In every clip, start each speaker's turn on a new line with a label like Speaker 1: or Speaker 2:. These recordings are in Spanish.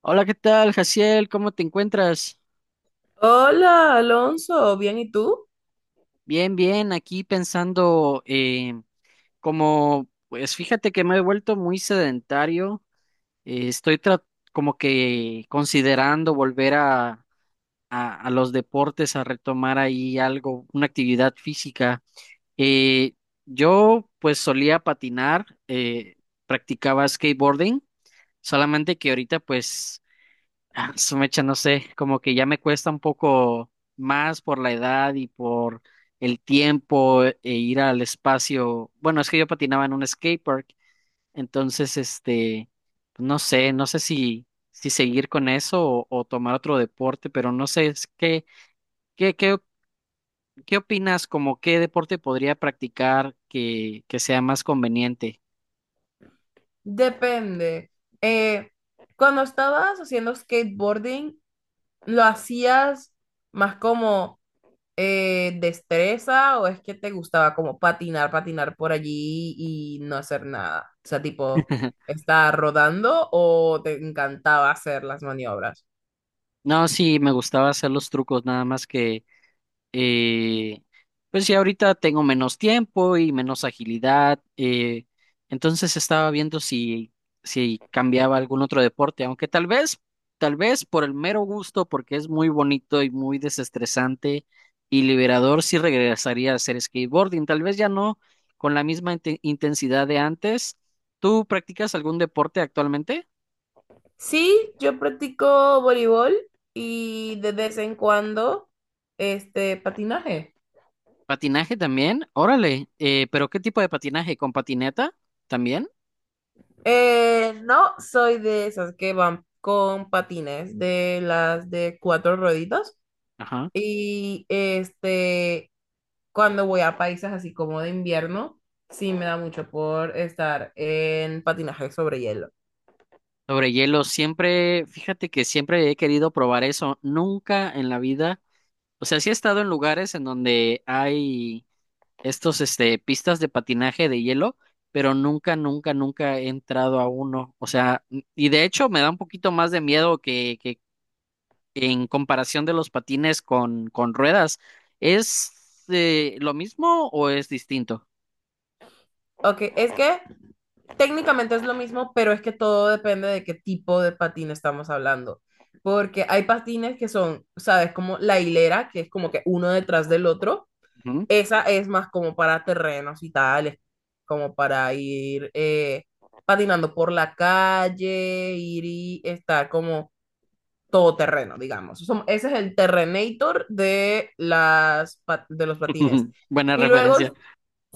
Speaker 1: Hola, ¿qué tal, Jaciel? ¿Cómo te encuentras?
Speaker 2: Hola, Alonso, ¿bien y tú?
Speaker 1: Bien, bien, aquí pensando, como, pues fíjate que me he vuelto muy sedentario. eh, estoy tra- Como que considerando volver a, a los deportes, a retomar ahí algo, una actividad física. Eh, yo pues solía patinar, practicaba skateboarding, solamente que ahorita pues su mecha, no sé, como que ya me cuesta un poco más por la edad y por el tiempo e ir al espacio. Bueno, es que yo patinaba en un skate park, entonces, no sé, si seguir con eso o tomar otro deporte, pero no sé, es que, ¿qué, qué, ¿qué opinas? Como qué deporte podría practicar que sea más conveniente?
Speaker 2: Depende. Eh, Cuando estabas haciendo skateboarding, ¿lo hacías más como destreza o es que te gustaba como patinar por allí y no hacer nada? O sea, tipo, ¿estar rodando o te encantaba hacer las maniobras?
Speaker 1: No, sí, me gustaba hacer los trucos, nada más que eh, pues ya ahorita tengo menos tiempo y menos agilidad. Entonces estaba viendo si cambiaba algún otro deporte, aunque tal vez por el mero gusto, porque es muy bonito y muy desestresante y liberador, sí regresaría a hacer skateboarding, tal vez ya no con la misma intensidad de antes. ¿Tú practicas algún deporte actualmente?
Speaker 2: Sí, yo practico voleibol y de vez en cuando este patinaje.
Speaker 1: ¿Patinaje también? Órale, pero ¿qué tipo de patinaje? ¿Con patineta también?
Speaker 2: No soy de esas que van con patines, de las de cuatro rueditas.
Speaker 1: Ajá.
Speaker 2: Y este, cuando voy a países así como de invierno, sí me da mucho por estar en patinaje sobre hielo.
Speaker 1: Sobre hielo, siempre, fíjate que siempre he querido probar eso. Nunca en la vida, o sea, sí he estado en lugares en donde hay pistas de patinaje de hielo, pero nunca, nunca, nunca he entrado a uno. O sea, y de hecho me da un poquito más de miedo que en comparación de los patines con ruedas. ¿Es lo mismo o es distinto?
Speaker 2: Ok, es que técnicamente es lo mismo, pero es que todo depende de qué tipo de patín estamos hablando. Porque hay patines que son, ¿sabes? Como la hilera, que es como que uno detrás del otro.
Speaker 1: Ujú.
Speaker 2: Esa es más como para terrenos y tales, como para ir patinando por la calle, ir y estar como todo terreno, digamos. Ese es el Terrenator de, las, de los patines.
Speaker 1: Buena
Speaker 2: Y
Speaker 1: referencia.
Speaker 2: luego,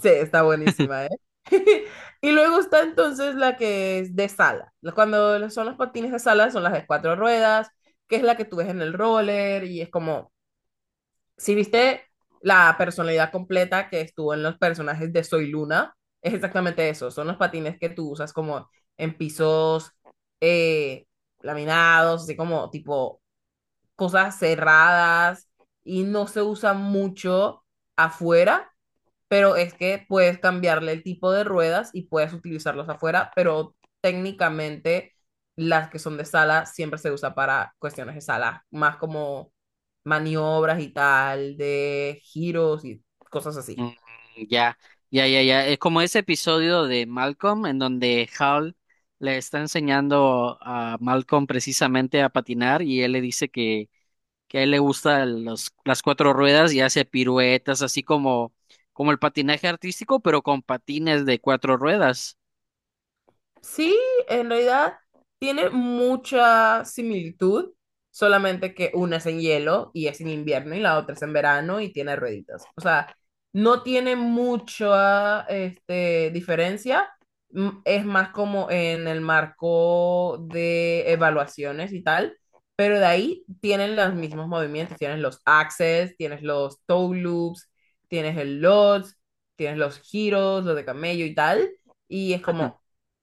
Speaker 2: sí, está buenísima, ¿eh? Y luego está entonces la que es de sala. Cuando son los patines de sala, son las de cuatro ruedas, que es la que tú ves en el roller y es como si viste la personalidad completa que estuvo en los personajes de Soy Luna, es exactamente eso. Son los patines que tú usas como en pisos eh, laminados, así como tipo cosas cerradas y no se usa mucho afuera, pero es que puedes cambiarle el tipo de ruedas y puedes utilizarlos afuera, pero técnicamente las que son de sala siempre se usa para cuestiones de sala, más como maniobras y tal, de giros y cosas así.
Speaker 1: Mm, ya, ya, ya, ya. Es como ese episodio de Malcolm en donde Hal le está enseñando a Malcolm precisamente a patinar y él le dice que a él le gustan las cuatro ruedas y hace piruetas, como el patinaje artístico, pero con patines de cuatro ruedas.
Speaker 2: Sí, en realidad tiene mucha similitud, solamente que una es en hielo y es en invierno y la otra es en verano y tiene rueditas. O sea, no tiene mucha este, diferencia, es más como en el marco de evaluaciones y tal, pero de ahí tienen los mismos movimientos, tienes los axes, tienes los toe loops, tienes el lodge, tienes los giros, los de camello y tal, y es como...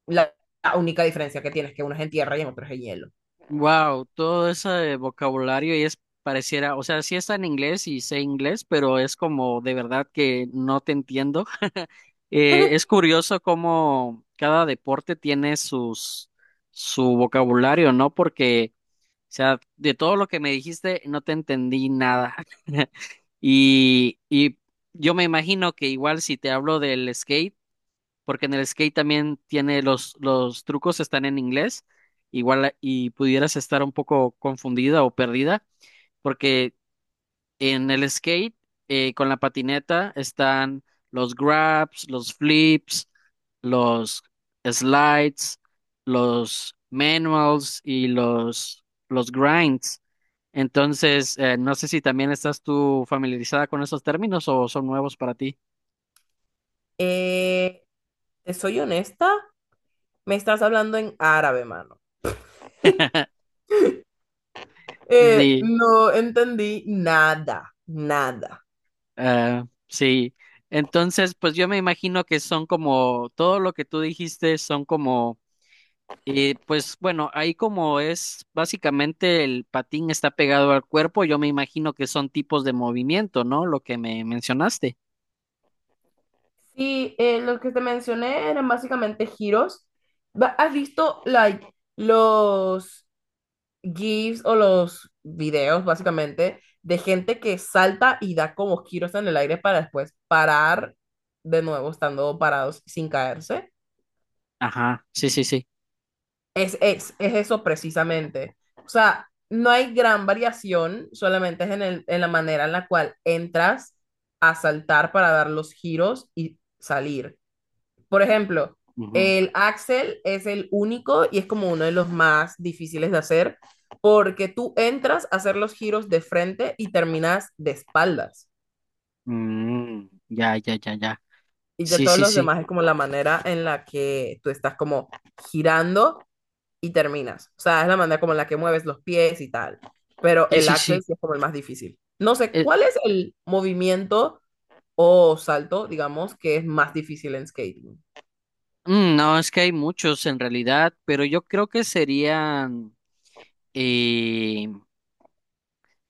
Speaker 2: La la única diferencia que tienes, es que uno es en tierra y en otro es en hielo.
Speaker 1: Wow, todo ese vocabulario y es pareciera, o sea, sí está en inglés y sé inglés, pero es como de verdad que no te entiendo. Es curioso cómo cada deporte tiene sus su vocabulario, ¿no? Porque, o sea, de todo lo que me dijiste no te entendí nada. Y, y yo me imagino que igual si te hablo del skate, porque en el skate también tiene los trucos están en inglés, igual y pudieras estar un poco confundida o perdida, porque en el skate con la patineta están los grabs, los flips, los slides, los manuals y los grinds. Entonces, no sé si también estás tú familiarizada con esos términos o son nuevos para ti.
Speaker 2: Eh, te soy honesta, me estás hablando en árabe, mano. Eh,
Speaker 1: Sí.
Speaker 2: no entendí nada, nada.
Speaker 1: Ah, sí. Entonces, pues yo me imagino que son como, todo lo que tú dijiste son como, pues bueno, ahí como es, básicamente el patín está pegado al cuerpo, yo me imagino que son tipos de movimiento, ¿no? Lo que me mencionaste.
Speaker 2: Sí, los que te mencioné eran básicamente giros. ¿Has visto like, los GIFs o los videos, básicamente, de gente que salta y da como giros en el aire para después parar de nuevo estando parados sin caerse.
Speaker 1: Ajá, sí, sí, sí.
Speaker 2: Es eso precisamente. O sea, no hay gran variación, solamente es en en la manera en la cual entras a saltar para dar los giros y salir. Por ejemplo,
Speaker 1: Ujú.
Speaker 2: el Axel es el único y es como uno de los más difíciles de hacer porque tú entras a hacer los giros de frente y terminas de espaldas.
Speaker 1: Mm, ya, ya, ya, ya.
Speaker 2: Y ya
Speaker 1: Sí,
Speaker 2: todos
Speaker 1: sí,
Speaker 2: los
Speaker 1: sí.
Speaker 2: demás es como la manera en la que tú estás como girando y terminas. O sea, es la manera como en la que mueves los pies y tal. Pero
Speaker 1: Sí,
Speaker 2: el
Speaker 1: sí, sí.
Speaker 2: Axel sí es como el más difícil. No sé,
Speaker 1: Eh,
Speaker 2: ¿cuál es el movimiento o salto, digamos, que es más difícil en skating?
Speaker 1: no, es que hay muchos en realidad, pero yo creo que serían... eh,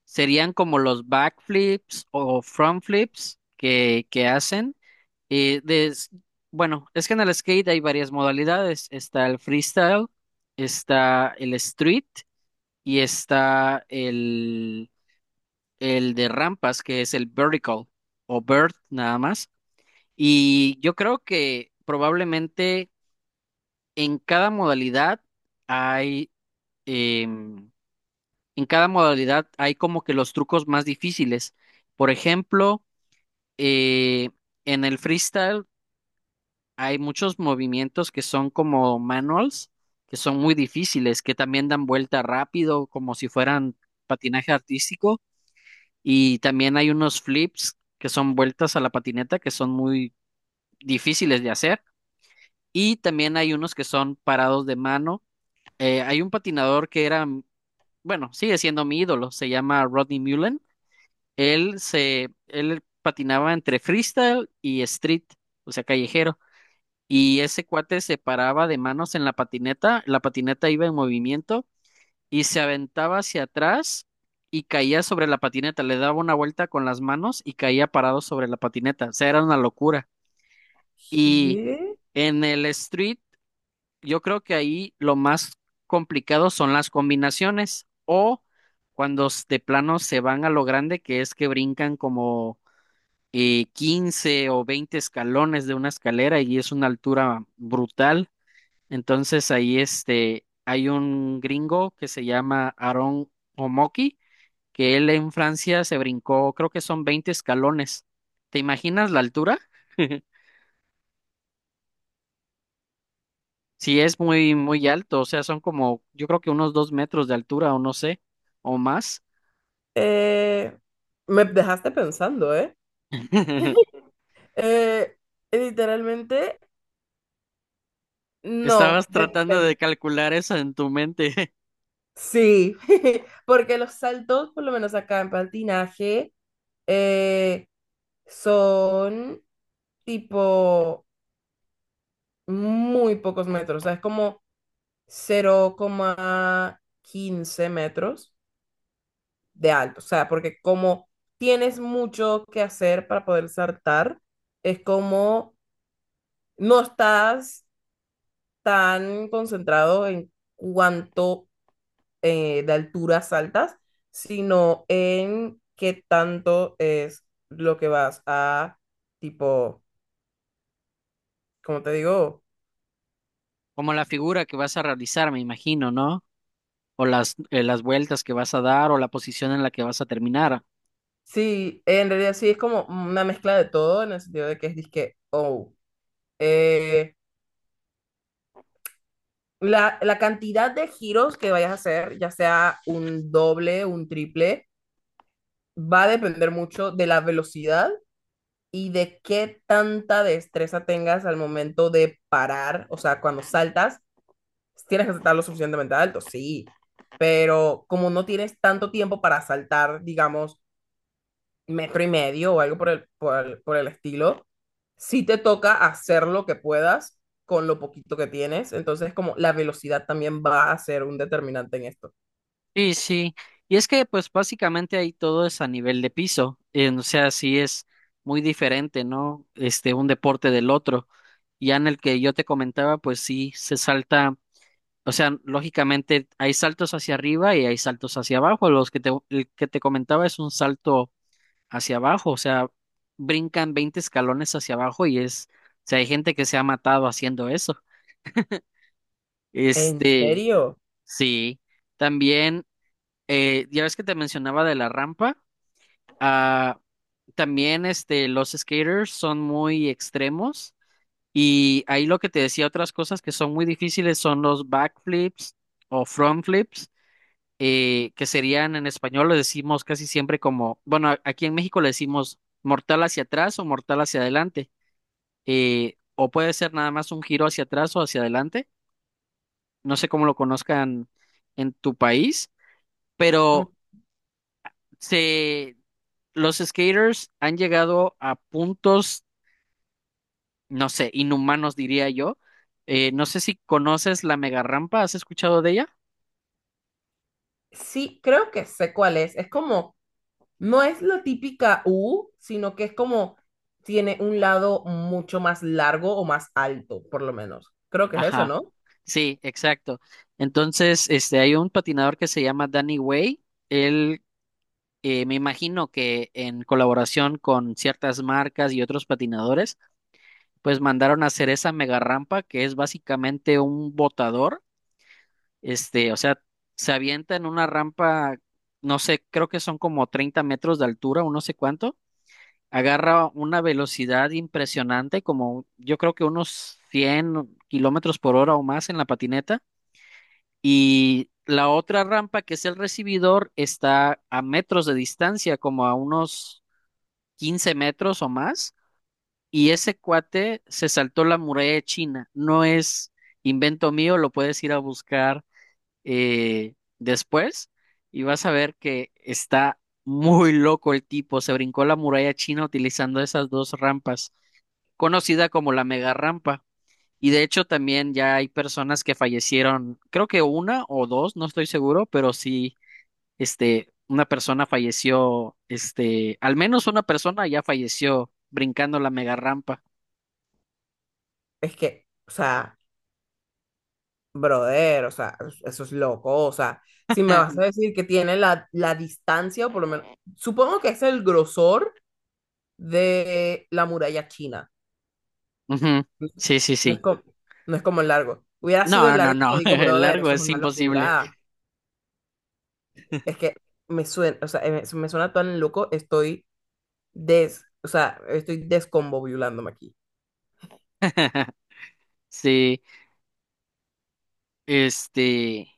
Speaker 1: serían como los backflips o front flips que hacen. Eh, des- bueno, es que en el skate hay varias modalidades. Está el freestyle, está el street y está el de rampas, que es el vertical o vert nada más. Y yo creo que probablemente en cada modalidad hay, em, en cada modalidad hay como que los trucos más difíciles. Por ejemplo, eh, en el freestyle hay muchos movimientos que son como manuals, que son muy difíciles, que también dan vuelta rápido, como si fueran patinaje artístico. Y también hay unos flips que son vueltas a la patineta, que son muy difíciles de hacer. Y también hay unos que son parados de mano. Hay un patinador que era, bueno, sigue siendo mi ídolo, se llama Rodney Mullen. Él patinaba entre freestyle y street, o sea, callejero. Y ese cuate se paraba de manos en la patineta iba en movimiento y se aventaba hacia atrás y caía sobre la patineta, le daba una vuelta con las manos y caía parado sobre la patineta, o sea, era una locura. Y
Speaker 2: Sí.
Speaker 1: en el street, yo creo que ahí lo más complicado son las combinaciones o cuando de plano se van a lo grande, que es que brincan como 15 o 20 escalones de una escalera y es una altura brutal. Entonces ahí este, hay un gringo que se llama Aaron Omoki, que él en Francia se brincó, creo que son 20 escalones. ¿Te imaginas la altura? Sí, es muy, muy alto, o sea, son como, yo creo que unos 2 metros de altura o no sé, o más.
Speaker 2: Eh, me dejaste pensando, ¿eh? Eh, literalmente, no,
Speaker 1: Estabas tratando de
Speaker 2: depende.
Speaker 1: calcular eso en tu mente.
Speaker 2: Sí, porque los saltos, por lo menos acá en patinaje, eh, son tipo muy pocos metros, o sea, es como 0,15 metros de alto, o sea, porque como tienes mucho que hacer para poder saltar, es como no estás tan concentrado en cuánto de altura saltas, sino en qué tanto es lo que vas a, tipo, como te digo?
Speaker 1: Como la figura que vas a realizar, me imagino, ¿no? O las vueltas que vas a dar o la posición en la que vas a terminar.
Speaker 2: Sí, en realidad sí es como una mezcla de todo en el sentido de que es disque, oh, eh, la cantidad de giros que vayas a hacer, ya sea un doble, un triple, va a depender mucho de la velocidad y de qué tanta destreza tengas al momento de parar, o sea, cuando saltas, tienes que saltar lo suficientemente alto, sí, pero como no tienes tanto tiempo para saltar, digamos, metro y medio o algo por el estilo, sí te toca hacer lo que puedas con lo poquito que tienes, entonces como la velocidad también va a ser un determinante en esto.
Speaker 1: Sí, sí. Y es que pues básicamente ahí todo es a nivel de piso. O sea, sí es muy diferente, ¿no? Este, un deporte del otro. Ya en el que yo te comentaba, pues sí se salta, o sea, lógicamente hay saltos hacia arriba y hay saltos hacia abajo. El que te comentaba es un salto hacia abajo, o sea, brincan 20 escalones hacia abajo y es, o sea, hay gente que se ha matado haciendo eso.
Speaker 2: ¿En
Speaker 1: Este,
Speaker 2: serio?
Speaker 1: sí. También, ya ves que te mencionaba de la rampa. Ah, también este, los skaters son muy extremos y ahí lo que te decía, otras cosas que son muy difíciles son los backflips o frontflips, que serían en español lo decimos casi siempre como, bueno, aquí en México le decimos mortal hacia atrás o mortal hacia adelante, o puede ser nada más un giro hacia atrás o hacia adelante, no sé cómo lo conozcan en tu país,
Speaker 2: Mm.
Speaker 1: pero se... Los skaters han llegado a puntos no sé, inhumanos diría yo. No sé si conoces la mega rampa, ¿has escuchado de ella?
Speaker 2: Sí, creo que sé cuál es. Es como no es la típica U, sino que es como tiene un lado mucho más largo o más alto, por lo menos. Creo que es eso,
Speaker 1: Ajá,
Speaker 2: ¿no?
Speaker 1: sí, exacto. Entonces, este, hay un patinador que se llama Danny Way. Él, me imagino que en colaboración con ciertas marcas y otros patinadores, pues mandaron a hacer esa mega rampa que es básicamente un botador. Este, o sea, se avienta en una rampa, no sé, creo que son como 30 metros de altura, o no sé cuánto, agarra una velocidad impresionante, como yo creo que unos 100 km/h o más en la patineta. Y la otra rampa, que es el recibidor, está a metros de distancia, como a unos 15 metros o más. Y ese cuate se saltó la muralla de China. No es invento mío, lo puedes ir a buscar después y vas a ver que está muy loco el tipo. Se brincó la muralla china utilizando esas dos rampas conocida como la mega rampa. Y de hecho también ya hay personas que fallecieron, creo que una o dos, no estoy seguro, pero sí, este, una persona falleció, este, al menos una persona ya falleció brincando la mega rampa.
Speaker 2: Es que, o sea, brother, o sea, eso es loco, o sea, si me vas a decir que tiene la, la distancia, o por lo menos, supongo que es el grosor de la muralla china.
Speaker 1: Ujú.
Speaker 2: No
Speaker 1: Sí, sí,
Speaker 2: no, es
Speaker 1: sí.
Speaker 2: como, no es como el largo. Hubiera sido
Speaker 1: No,
Speaker 2: el
Speaker 1: no,
Speaker 2: largo y te
Speaker 1: no,
Speaker 2: digo,
Speaker 1: el
Speaker 2: brother,
Speaker 1: largo
Speaker 2: eso es
Speaker 1: es
Speaker 2: una
Speaker 1: imposible.
Speaker 2: locura. Es que me suena, o sea, me suena tan loco, estoy o sea, estoy descombobulándome aquí.
Speaker 1: Sí, este,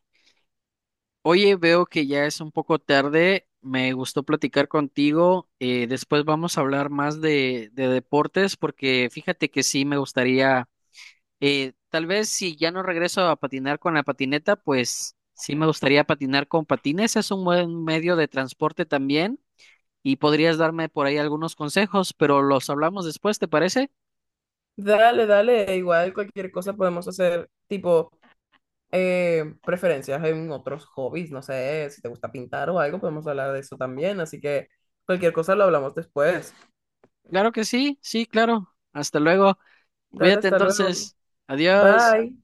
Speaker 1: oye, veo que ya es un poco tarde. Me gustó platicar contigo. Después vamos a hablar más de deportes porque fíjate que sí me gustaría, tal vez si ya no regreso a patinar con la patineta, pues sí me gustaría patinar con patines. Es un buen medio de transporte también y podrías darme por ahí algunos consejos, pero los hablamos después, ¿te parece?
Speaker 2: Dale, dale, igual cualquier cosa podemos hacer, tipo, preferencias en otros hobbies, no sé, si te gusta pintar o algo, podemos hablar de eso también, así que cualquier cosa lo hablamos después.
Speaker 1: Claro que sí, sí, claro. Hasta luego.
Speaker 2: Dale,
Speaker 1: Cuídate
Speaker 2: hasta luego.
Speaker 1: entonces. Adiós.
Speaker 2: Bye.